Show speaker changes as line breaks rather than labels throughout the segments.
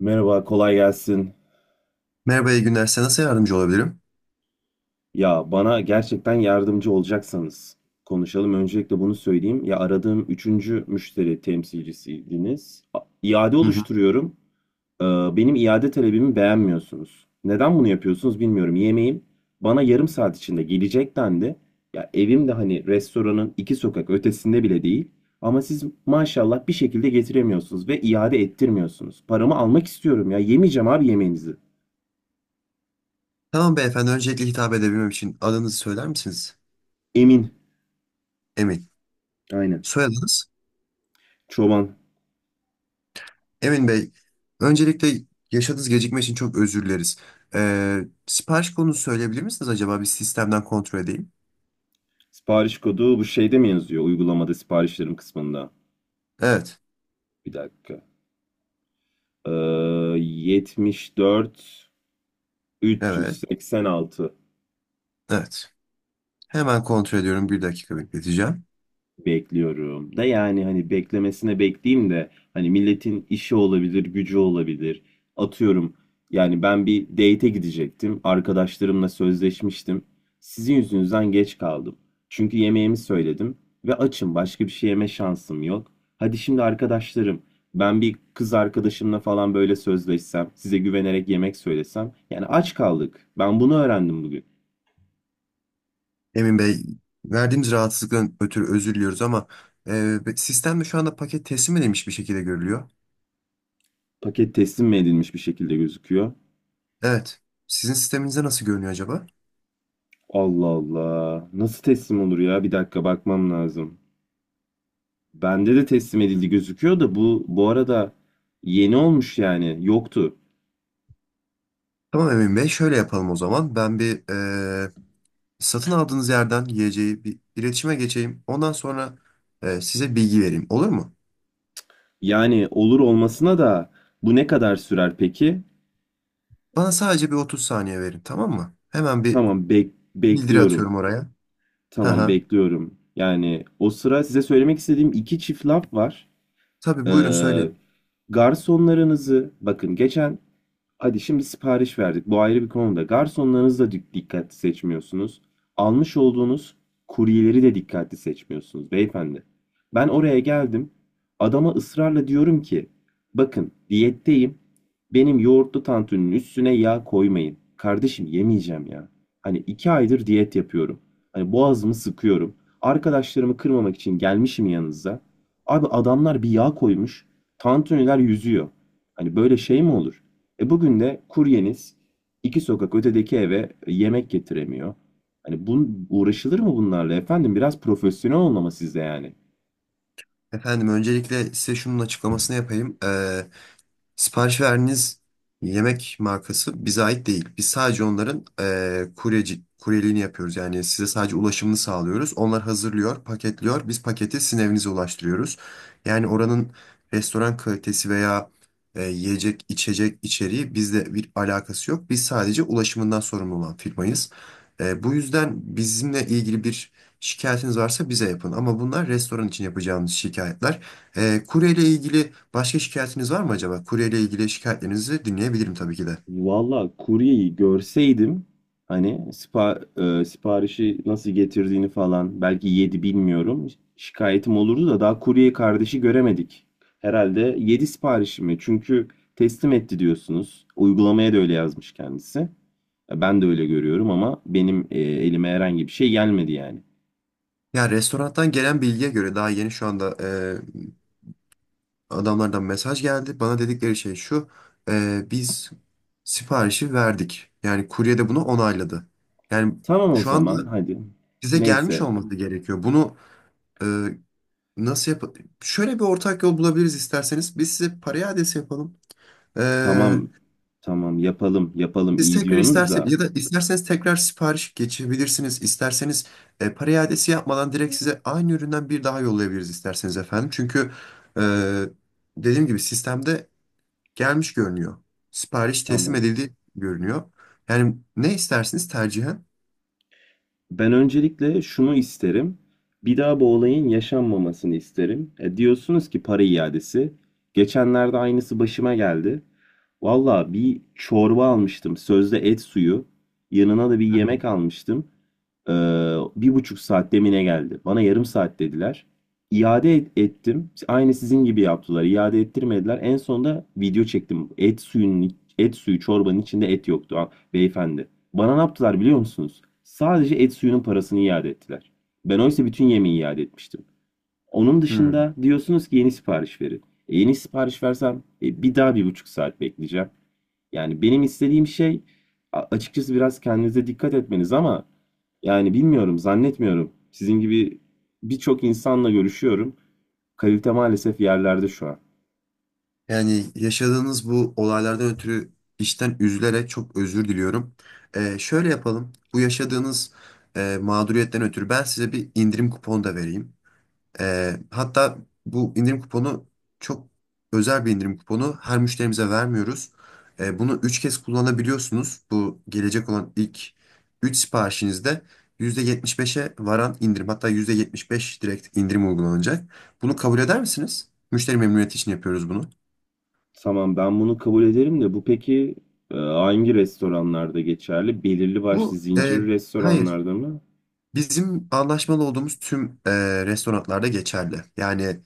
Merhaba, kolay gelsin.
Merhaba, iyi günler. Size nasıl yardımcı olabilirim?
Ya bana gerçekten yardımcı olacaksanız konuşalım. Öncelikle bunu söyleyeyim. Ya aradığım üçüncü müşteri temsilcisiydiniz. İade
Hı hı.
oluşturuyorum. Ee, benim iade talebimi beğenmiyorsunuz. Neden bunu yapıyorsunuz bilmiyorum. Yemeğim bana yarım saat içinde gelecek dendi. Ya evim de hani restoranın iki sokak ötesinde bile değil. Ama siz maşallah bir şekilde getiremiyorsunuz ve iade ettirmiyorsunuz. Paramı almak istiyorum ya. Yemeyeceğim abi yemeğinizi.
Tamam beyefendi. Öncelikle hitap edebilmem için adınızı söyler misiniz?
Emin.
Emin.
Aynen.
Soyadınız?
Çoban.
Emin Bey. Öncelikle yaşadığınız gecikme için çok özür dileriz. Ee, Sipariş konusu söyleyebilir misiniz acaba? Bir sistemden kontrol edeyim.
Sipariş kodu bu şeyde mi yazıyor? Uygulamada siparişlerim kısmında.
Evet.
Bir dakika. Ee, 74
Evet.
386.
Evet. Hemen kontrol ediyorum. Bir dakika bekleteceğim.
Bekliyorum da yani hani beklemesine bekleyeyim de hani milletin işi olabilir, gücü olabilir. Atıyorum yani ben bir date'e gidecektim. Arkadaşlarımla sözleşmiştim. Sizin yüzünüzden geç kaldım. Çünkü yemeğimi söyledim ve açım. Başka bir şey yeme şansım yok. Hadi şimdi arkadaşlarım, ben bir kız arkadaşımla falan böyle sözleşsem, size güvenerek yemek söylesem. Yani aç kaldık. Ben bunu öğrendim bugün.
Emin Bey, verdiğimiz rahatsızlıktan ötürü özür diliyoruz ama sistemde şu anda paket teslim edilmiş bir şekilde görülüyor.
Paket teslim mi edilmiş bir şekilde gözüküyor?
Evet. Sizin sisteminizde nasıl görünüyor acaba?
Allah Allah. Nasıl teslim olur ya? Bir dakika bakmam lazım. Bende de teslim edildi gözüküyor da bu arada yeni olmuş yani. Yoktu.
Tamam Emin Bey, şöyle yapalım o zaman. Ben bir eee, satın aldığınız yerden yiyeceği bir iletişime geçeyim. Ondan sonra size bilgi vereyim. Olur mu?
Yani olur olmasına da bu ne kadar sürer peki?
Bana sadece bir 30 saniye verin, tamam mı? Hemen bir
Tamam
bildiri
bekliyorum.
atıyorum oraya. Hı
Tamam
hı.
bekliyorum. Yani o sıra size söylemek istediğim iki çift laf var.
Tabii buyurun
Ee,
söyleyin.
garsonlarınızı bakın geçen. Hadi şimdi sipariş verdik. Bu ayrı bir konuda. Garsonlarınızı da dikkatli seçmiyorsunuz. Almış olduğunuz kuryeleri de dikkatli seçmiyorsunuz beyefendi. Ben oraya geldim. Adama ısrarla diyorum ki, bakın diyetteyim. Benim yoğurtlu tantuninin üstüne yağ koymayın. Kardeşim yemeyeceğim ya. Hani 2 aydır diyet yapıyorum. Hani boğazımı sıkıyorum. Arkadaşlarımı kırmamak için gelmişim yanınıza. Abi adamlar bir yağ koymuş. Tantuniler yüzüyor. Hani böyle şey mi olur? E bugün de kuryeniz iki sokak ötedeki eve yemek getiremiyor. Hani bun uğraşılır mı bunlarla efendim? Biraz profesyonel olmama sizde yani.
Efendim öncelikle size şunun açıklamasını yapayım. Sipariş verdiğiniz yemek markası bize ait değil. Biz sadece onların kuryeliğini yapıyoruz. Yani size sadece ulaşımını sağlıyoruz. Onlar hazırlıyor, paketliyor. Biz paketi sizin evinize ulaştırıyoruz. Yani oranın restoran kalitesi veya yiyecek, içecek içeriği bizle bir alakası yok. Biz sadece ulaşımından sorumlu olan firmayız. Bu yüzden bizimle ilgili bir şikayetiniz varsa bize yapın. Ama bunlar restoran için yapacağımız şikayetler. Kuryeyle ilgili başka şikayetiniz var mı acaba? Kuryeyle ilgili şikayetlerinizi dinleyebilirim tabii ki de.
Valla kuryeyi görseydim hani siparişi nasıl getirdiğini falan belki yedi bilmiyorum. Şikayetim olurdu da daha kurye kardeşi göremedik. Herhalde yedi siparişi mi? Çünkü teslim etti diyorsunuz. Uygulamaya da öyle yazmış kendisi. Ben de öyle görüyorum ama benim elime herhangi bir şey gelmedi yani.
Ya restorandan gelen bilgiye göre daha yeni şu anda adamlardan mesaj geldi. Bana dedikleri şey şu. Biz siparişi verdik. Yani kurye de bunu onayladı. Yani
Tamam o
şu anda
zaman hadi.
bize gelmiş
Neyse,
olması gerekiyor. Bunu e, nasıl yap... Şöyle bir ortak yol bulabiliriz isterseniz. Biz size parayı adresi yapalım. E,
tamam tamam, yapalım yapalım,
Siz
iyi
tekrar
diyorsunuz da
isterseniz ya da isterseniz tekrar sipariş geçebilirsiniz. İsterseniz para iadesi yapmadan direkt size aynı üründen bir daha yollayabiliriz isterseniz efendim. Çünkü e, dediğim gibi sistemde gelmiş görünüyor. Sipariş teslim
tamam.
edildi görünüyor. Yani ne istersiniz tercihen?
Ben öncelikle şunu isterim. Bir daha bu olayın yaşanmamasını isterim. Diyorsunuz ki para iadesi. Geçenlerde aynısı başıma geldi. Valla bir çorba almıştım. Sözde et suyu. Yanına da bir
Hı hı.
yemek almıştım. Ee, 1,5 saat demine geldi. Bana yarım saat dediler. İade ettim. Aynı sizin gibi yaptılar. İade ettirmediler. En sonunda video çektim. Et suyunun, et suyu çorbanın içinde et yoktu ha, beyefendi. Bana ne yaptılar biliyor musunuz? Sadece et suyunun parasını iade ettiler. Ben oysa bütün yemeği iade etmiştim. Onun
Hmm.
dışında diyorsunuz ki yeni sipariş verin. Yeni sipariş versem bir daha 1,5 saat bekleyeceğim. Yani benim istediğim şey açıkçası biraz kendinize dikkat etmeniz, ama yani bilmiyorum, zannetmiyorum. Sizin gibi birçok insanla görüşüyorum. Kalite maalesef yerlerde şu an.
Yani yaşadığınız bu olaylardan ötürü işten üzülerek çok özür diliyorum. Şöyle yapalım. Bu yaşadığınız mağduriyetten ötürü ben size bir indirim kuponu da vereyim. Hatta bu indirim kuponu çok özel bir indirim kuponu. Her müşterimize vermiyoruz. Bunu 3 kez kullanabiliyorsunuz. Bu gelecek olan ilk 3 siparişinizde %75'e varan indirim, hatta %75 direkt indirim uygulanacak. Bunu kabul eder misiniz? Müşteri memnuniyeti için yapıyoruz bunu.
Tamam ben bunu kabul ederim de bu peki hangi restoranlarda geçerli? Belirli başlı
Bu
zincir
hayır.
restoranlarda mı?
Bizim anlaşmalı olduğumuz tüm restoranlarda geçerli. Yani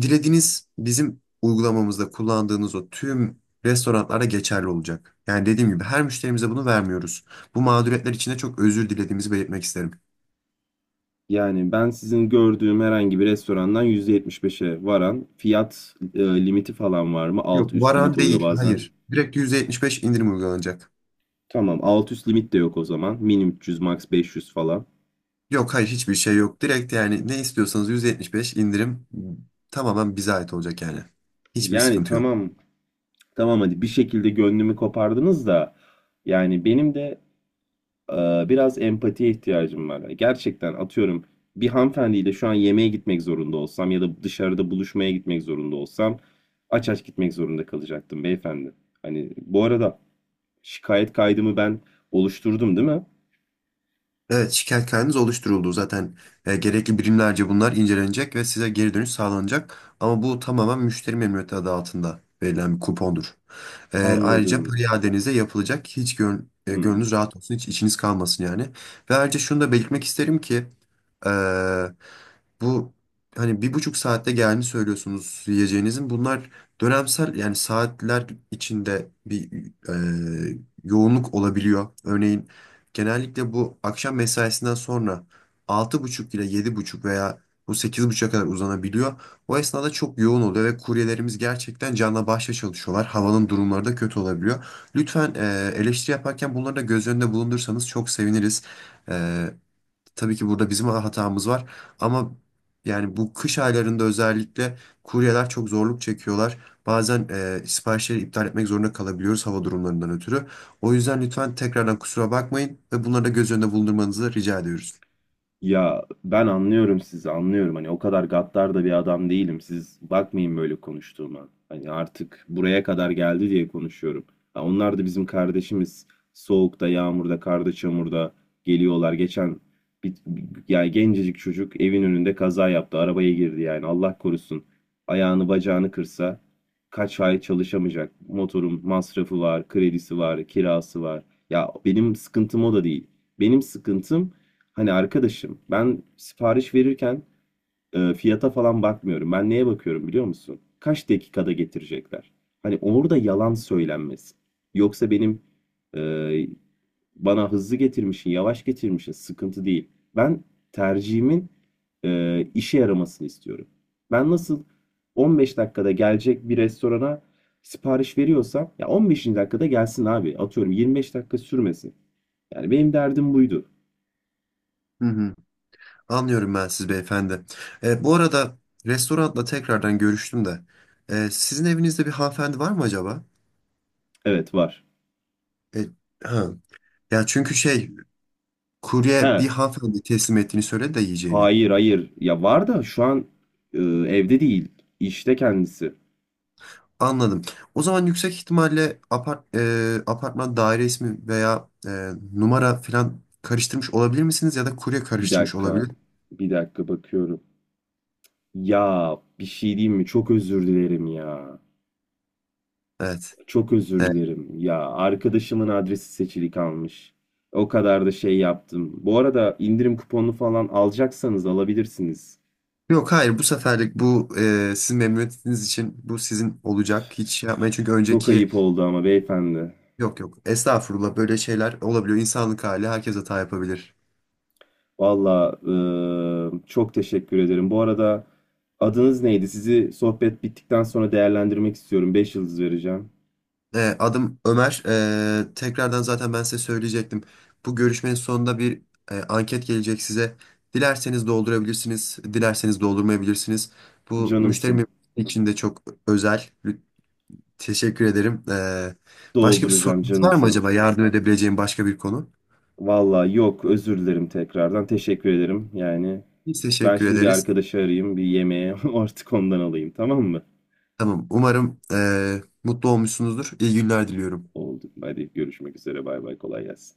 dilediğiniz bizim uygulamamızda kullandığınız o tüm restoranlara geçerli olacak. Yani dediğim gibi her müşterimize bunu vermiyoruz. Bu mağduriyetler için de çok özür dilediğimizi belirtmek isterim.
Yani ben sizin gördüğüm herhangi bir restorandan %75'e varan fiyat limiti falan var mı? Alt
Yok
üst
varan
limit oluyor
değil,
bazen.
hayır. Direkt %75 indirim uygulanacak.
Tamam, alt üst limit de yok o zaman. Min 300 max 500 falan.
Yok hayır, hiçbir şey yok. Direkt yani ne istiyorsanız %75 indirim tamamen bize ait olacak yani. Hiçbir
Yani
sıkıntı yok.
tamam tamam, hadi bir şekilde gönlümü kopardınız da yani benim de biraz empatiye ihtiyacım var. Hani gerçekten atıyorum, bir hanımefendiyle şu an yemeğe gitmek zorunda olsam ya da dışarıda buluşmaya gitmek zorunda olsam aç aç gitmek zorunda kalacaktım beyefendi. Hani bu arada şikayet kaydımı ben oluşturdum değil mi?
Evet, şikayet kaydınız oluşturuldu. Zaten gerekli birimlerce bunlar incelenecek ve size geri dönüş sağlanacak. Ama bu tamamen müşteri memnuniyeti adı altında verilen bir kupondur. Ayrıca para
Anladım.
iadenize yapılacak. Hiç
Hmm.
gönlünüz rahat olsun, hiç içiniz kalmasın yani. Ve ayrıca şunu da belirtmek isterim ki e, bu hani 1,5 saatte gelmiş söylüyorsunuz yiyeceğinizin. Bunlar dönemsel, yani saatler içinde bir e, yoğunluk olabiliyor. Örneğin genellikle bu akşam mesaisinden sonra 6.30 ile 7.30 veya bu 8.30'a kadar uzanabiliyor. O esnada çok yoğun oluyor ve kuryelerimiz gerçekten canla başla çalışıyorlar. Havanın durumları da kötü olabiliyor. Lütfen eleştiri yaparken bunları da göz önünde bulundursanız çok seviniriz. E, Tabii ki burada bizim hatamız var ama yani bu kış aylarında özellikle kuryeler çok zorluk çekiyorlar. Bazen siparişleri iptal etmek zorunda kalabiliyoruz hava durumlarından ötürü. O yüzden lütfen tekrardan kusura bakmayın ve bunları da göz önünde bulundurmanızı rica ediyoruz.
Ya ben anlıyorum, sizi anlıyorum. Hani o kadar gaddar da bir adam değilim, siz bakmayın böyle konuştuğuma. Hani artık buraya kadar geldi diye konuşuyorum. Ha, onlar da bizim kardeşimiz. Soğukta, yağmurda, karda, çamurda geliyorlar. Geçen bir, yani gencecik çocuk evin önünde kaza yaptı, arabaya girdi. Yani Allah korusun, ayağını bacağını kırsa kaç ay çalışamayacak. Motorun masrafı var, kredisi var, kirası var. Ya benim sıkıntım o da değil. Benim sıkıntım, hani arkadaşım, ben sipariş verirken fiyata falan bakmıyorum. Ben neye bakıyorum biliyor musun? Kaç dakikada getirecekler? Hani orada yalan söylenmesin. Yoksa benim e, bana hızlı getirmişsin, yavaş getirmişsin, sıkıntı değil. Ben tercihimin işe yaramasını istiyorum. Ben nasıl 15 dakikada gelecek bir restorana sipariş veriyorsam, ya 15. dakikada gelsin abi. Atıyorum 25 dakika sürmesin. Yani benim derdim buydu.
Hı hı. Anlıyorum ben siz beyefendi. Bu arada restoranla tekrardan görüştüm de. Sizin evinizde bir hanımefendi var mı acaba?
Evet var.
E, ha. Ya çünkü şey, kurye
He.
bir hanımefendi teslim ettiğini söyledi de yiyeceğini.
Hayır hayır, ya var da şu an evde değil işte kendisi.
Anladım. O zaman yüksek ihtimalle apartman daire ismi veya numara falan karıştırmış olabilir misiniz ya da kurye
Bir
karıştırmış
dakika,
olabilir.
bir dakika bakıyorum. Ya bir şey diyeyim mi, çok özür dilerim ya.
Evet.
Çok özür
Evet.
dilerim ya, arkadaşımın adresi seçili kalmış. O kadar da şey yaptım. Bu arada indirim kuponu falan alacaksanız alabilirsiniz.
Yok hayır, bu seferlik bu sizin memnuniyetiniz için bu sizin olacak. Hiç şey yapmayın çünkü
Çok
önceki.
ayıp oldu ama beyefendi.
Yok yok, estağfurullah, böyle şeyler olabiliyor. İnsanlık hali, herkes hata yapabilir.
Valla çok teşekkür ederim. Bu arada adınız neydi? Sizi sohbet bittikten sonra değerlendirmek istiyorum. 5 yıldız vereceğim.
Adım Ömer. Tekrardan zaten ben size söyleyecektim. Bu görüşmenin sonunda bir anket gelecek size. Dilerseniz doldurabilirsiniz, dilerseniz doldurmayabilirsiniz. Bu
Canımsın.
müşterim için de çok özel. Teşekkür ederim. Başka bir
Dolduracağım,
sorunuz var mı
canımsın.
acaba? Yardım edebileceğim başka bir konu?
Valla yok, özür dilerim tekrardan. Teşekkür ederim. Yani
Biz
ben
teşekkür
şimdi bir
ederiz.
arkadaşı arayayım. Bir yemeğe artık ondan alayım, tamam mı?
Tamam. Umarım mutlu olmuşsunuzdur. İyi günler diliyorum.
Oldu. Hadi görüşmek üzere. Bay bay, kolay gelsin.